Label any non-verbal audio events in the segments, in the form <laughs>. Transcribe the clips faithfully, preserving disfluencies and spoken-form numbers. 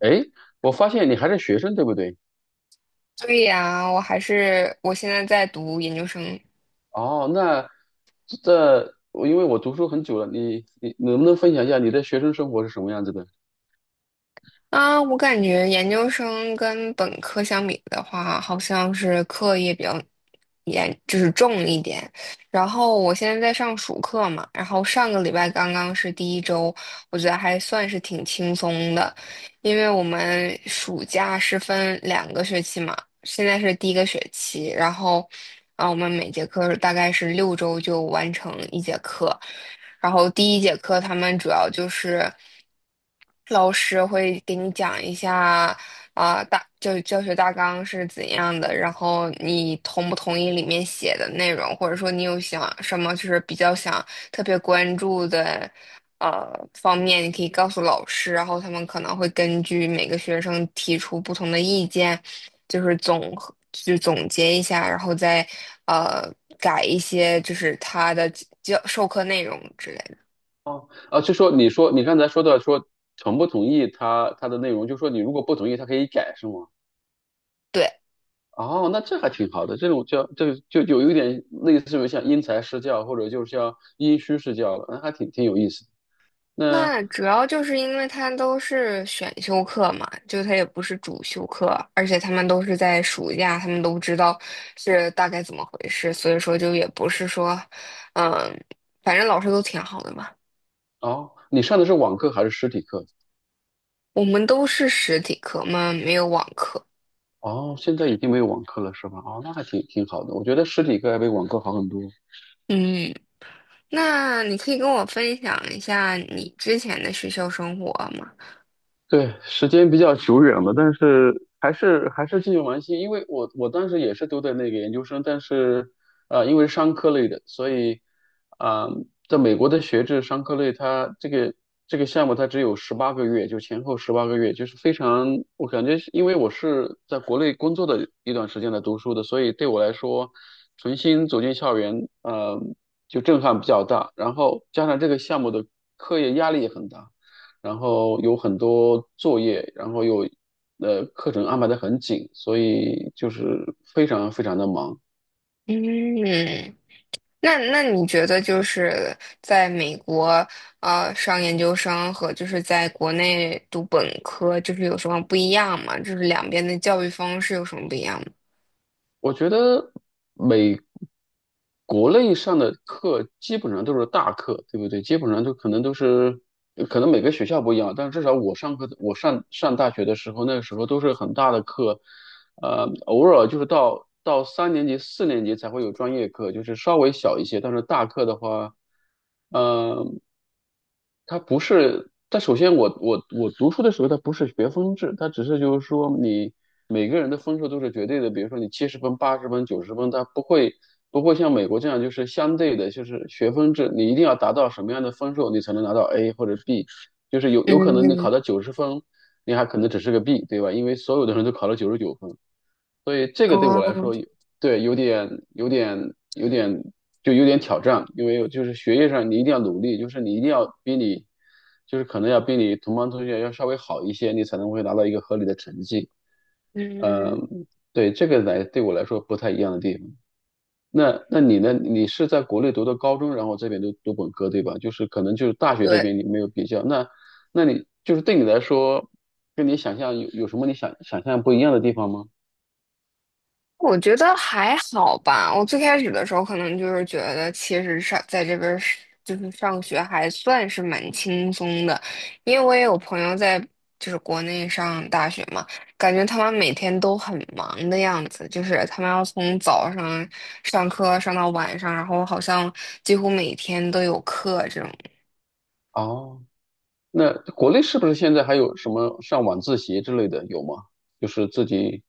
哎，我发现你还是学生，对不对？对呀，我还是我现在在读研究生。哦，那这我因为我读书很久了，你你能不能分享一下你的学生生活是什么样子的？啊，我感觉研究生跟本科相比的话，好像是课业比较严，就是重一点。然后我现在在上暑课嘛，然后上个礼拜刚刚是第一周，我觉得还算是挺轻松的，因为我们暑假是分两个学期嘛，现在是第一个学期，然后啊，我们每节课大概是六周就完成一节课。然后第一节课他们主要就是老师会给你讲一下，啊，大教教学大纲是怎样的，然后你同不同意里面写的内容，或者说你有想什么就是比较想特别关注的呃方面，你可以告诉老师，然后他们可能会根据每个学生提出不同的意见，就是总和就总结一下，然后再呃改一些就是他的教授课内容之类的。哦，啊，就说你说你刚才说的说同不同意他他的内容，就说你如果不同意，他可以改，是吗？对。哦，那这还挺好的，这种叫这个就就有一点类似于像因材施教，或者就是像因虚施教了，那还挺挺有意思的。那那主要就是因为他都是选修课嘛，就他也不是主修课，而且他们都是在暑假，他们都知道是大概怎么回事，所以说就也不是说，嗯，反正老师都挺好的嘛。哦，你上的是网课还是实体课？我们都是实体课嘛，没有网课。哦，现在已经没有网课了是吧？哦，那还挺挺好的，我觉得实体课要比网课好很多。嗯，那你可以跟我分享一下你之前的学校生活吗？对，时间比较久远了，但是还是还是继续玩心，因为我我当时也是读的那个研究生，但是呃，因为是商科类的，所以啊、呃在美国的学制商科类，它这个这个项目它只有十八个月，就前后十八个月，就是非常，我感觉是因为我是在国内工作的一段时间来读书的，所以对我来说，重新走进校园，呃，就震撼比较大，然后加上这个项目的课业压力也很大。然后有很多作业，然后又呃课程安排的很紧，所以就是非常非常的忙。嗯，那那你觉得就是在美国呃上研究生和就是在国内读本科，就是有什么不一样吗？就是两边的教育方式有什么不一样吗？我觉得美国内上的课基本上都是大课，对不对？基本上都可能都是，可能每个学校不一样，但至少我上课，我上上大学的时候，那个时候都是很大的课，呃，偶尔就是到到三年级、四年级才会有专业课，就是稍微小一些。但是大课的话，呃，它不是。但首先我，我我读书的时候，它不是学分制，它只是就是说你每个人的分数都是绝对的。比如说你七十分、八十分、九十分，它不会不会像美国这样就是相对的，就是学分制，你一定要达到什么样的分数，你才能拿到 A 或者 B。就是有有可能你嗯。考到九十分，你还可能只是个 B，对吧？因为所有的人都考了九十九分。所以这个对我来哦。说有，对，有点有点有点就有点挑战，因为就是学业上你一定要努力，就是你一定要比你就是可能要比你同班同学要稍微好一些，你才能会拿到一个合理的成绩。嗯。嗯，对，这个来对我来说不太一样的地方。那那你呢？你是在国内读的高中，然后这边读读本科，对吧？就是可能就是大学这对。边你没有比较，那那你就是对你来说，跟你想象有有什么你想想象不一样的地方吗？我觉得还好吧。我最开始的时候可能就是觉得，其实上在这边儿是就是上学还算是蛮轻松的，因为我也有朋友在就是国内上大学嘛，感觉他们每天都很忙的样子，就是他们要从早上上课上到晚上，然后好像几乎每天都有课这种。哦。那国内是不是现在还有什么上晚自习之类的，有吗？就是自己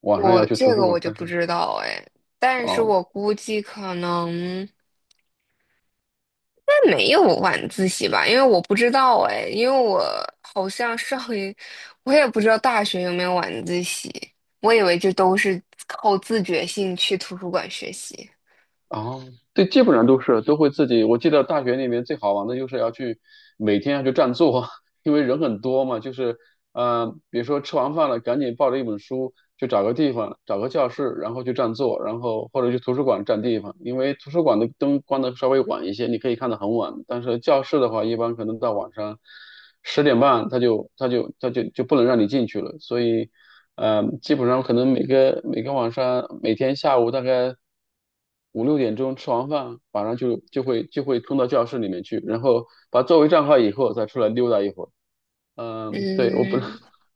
晚上要我去图这书个馆我就看不书。知道哎，但是哦我估计可能。应该没有晚自习吧？因为我不知道哎，因为我好像上一，我也不知道大学有没有晚自习，我以为这都是靠自觉性去图书馆学习。哦，对，基本上都是都会自己。我记得大学里面最好玩的就是要去每天要去占座，<laughs> 因为人很多嘛，就是呃，比如说吃完饭了，赶紧抱着一本书。就找个地方，找个教室，然后去占座，然后或者去图书馆占地方，因为图书馆的灯关的稍微晚一些，你可以看的很晚。但是教室的话，一般可能到晚上十点半，他就他就他就就不能让你进去了。所以，呃，基本上可能每个每个晚上，每天下午大概五六点钟吃完饭，晚上就就会就会冲到教室里面去，然后把座位占好以后再出来溜达一会儿。嗯，对，我不知道，嗯，<laughs>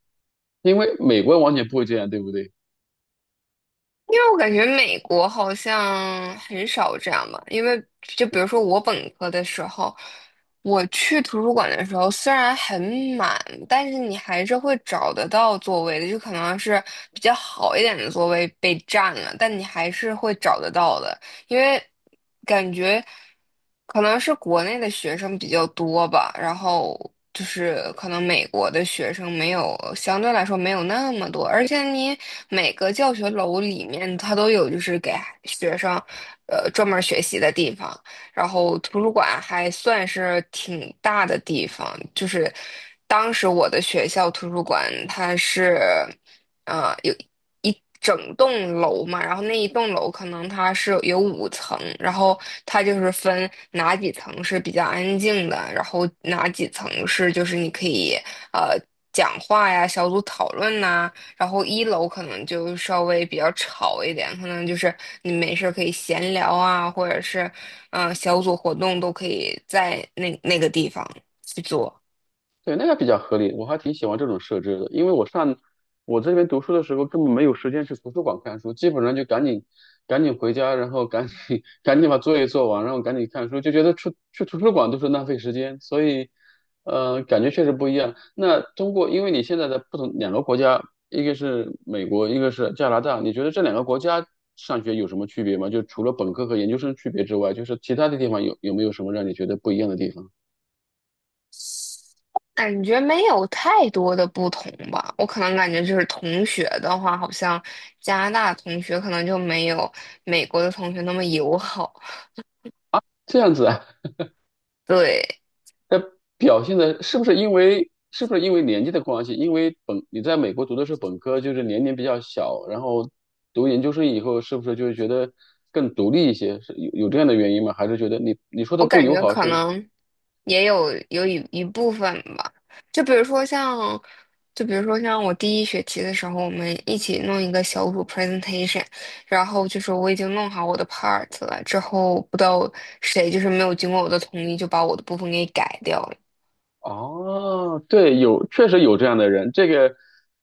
因为美国完全不会这样，对不对？因为我感觉美国好像很少这样吧，因为就比如说我本科的时候，我去图书馆的时候虽然很满，但是你还是会找得到座位的，就可能是比较好一点的座位被占了，但你还是会找得到的。因为感觉可能是国内的学生比较多吧，然后就是可能美国的学生没有，相对来说没有那么多，而且你每个教学楼里面它都有就是给学生呃专门学习的地方，然后图书馆还算是挺大的地方，就是当时我的学校图书馆它是。啊，有。一整栋楼嘛，然后那一栋楼可能它是有五层，然后它就是分哪几层是比较安静的，然后哪几层是就是你可以呃讲话呀、小组讨论呐、然后一楼可能就稍微比较吵一点，可能就是你没事儿可以闲聊啊，或者是嗯、呃小组活动都可以在那那个地方去做。对，那个比较合理，我还挺喜欢这种设置的，因为我上我这边读书的时候根本没有时间去图书馆看书，基本上就赶紧赶紧回家，然后赶紧 <laughs> 赶紧把作业做完，然后赶紧看书，就觉得去去图书馆都是浪费时间，所以呃，感觉确实不一样。那通过，因为你现在的不同两个国家，一个是美国，一个是加拿大，你觉得这两个国家上学有什么区别吗？就除了本科和研究生区别之外，就是其他的地方有有没有什么让你觉得不一样的地方？感觉没有太多的不同吧，我可能感觉就是同学的话，好像加拿大同学可能就没有美国的同学那么友好。这样子啊。对，表现的是不是因为是不是因为年纪的关系？因为本你在美国读的是本科，就是年龄比较小，然后读研究生以后，是不是就是觉得更独立一些？是有有这样的原因吗？还是觉得你你说我的不感友觉好可是能也有有一一部分吧，就比如说像，就比如说像我第一学期的时候，我们一起弄一个小组 presentation,然后就是我已经弄好我的 part 了，之后不知道谁就是没有经过我的同意就把我的部分给改掉了。哦，对，有，确实有这样的人。这个，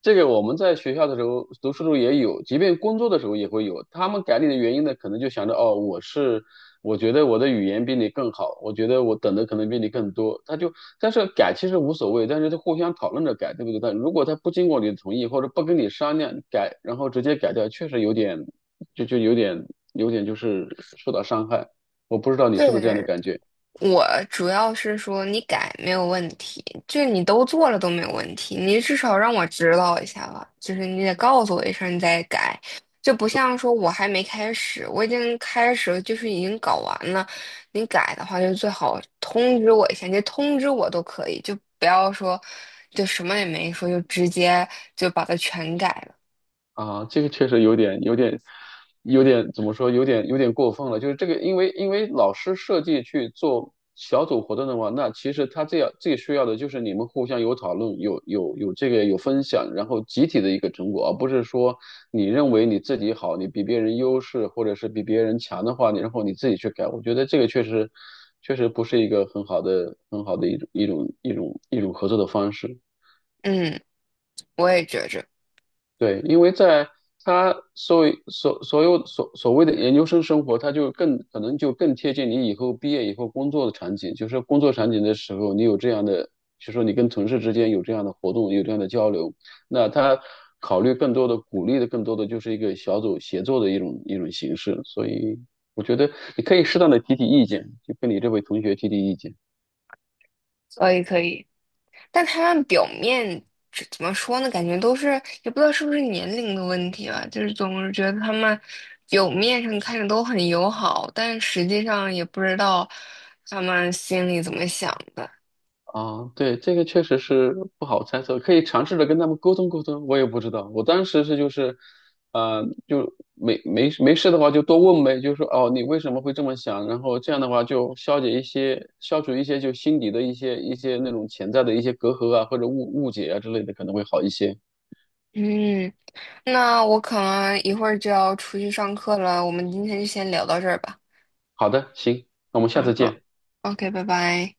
这个我们在学校的时候，读书的时候也有，即便工作的时候也会有。他们改你的原因呢，可能就想着，哦，我是，我觉得我的语言比你更好，我觉得我等的可能比你更多。他就，但是改其实无所谓，但是他互相讨论着改，对不对？但如果他不经过你的同意，或者不跟你商量改，然后直接改掉，确实有点，就就有点，有点就是受到伤害。我不知道你是不是这样的对，感觉。我主要是说你改没有问题，就你都做了都没有问题，你至少让我知道一下吧，就是你得告诉我一声你再改，就不像说我还没开始，我已经开始了就是已经搞完了，你改的话就最好通知我一下，你通知我都可以，就不要说就什么也没说就直接就把它全改了，啊，这个确实有点、有点、有点怎么说？有点、有点过分了。就是这个，因为因为老师设计去做小组活动的话，那其实他这样最需要的就是你们互相有讨论、有有有这个有分享，然后集体的一个成果，而不是说你认为你自己好，你比别人优势，或者是比别人强的话，你然后你自己去改。我觉得这个确实确实不是一个很好的、很好的一种一种一种一种合作的方式。嗯，我也觉着，对，因为在他所谓所所有所所谓的研究生生活，他就更可能就更贴近你以后毕业以后工作的场景，就是工作场景的时候，你有这样的，就是说你跟同事之间有这样的活动，有这样的交流，那他考虑更多的鼓励的更多的就是一个小组协作的一种一种形式，所以我觉得你可以适当的提提意见，就跟你这位同学提提意见。所以可以。但他们表面这怎么说呢？感觉都是也不知道是不是年龄的问题吧，就是总是觉得他们表面上看着都很友好，但实际上也不知道他们心里怎么想的。啊，对，这个确实是不好猜测，可以尝试着跟他们沟通沟通。我也不知道，我当时是就是，呃，就没没没事的话就多问呗，就说哦，你为什么会这么想？然后这样的话就消解一些、消除一些就心底的一些一些那种潜在的一些隔阂啊，或者误误解啊之类的，可能会好一些。嗯，那我可能一会儿就要出去上课了，我们今天就先聊到这儿吧。好的，行，那我们下嗯，次好见。，O K,拜拜。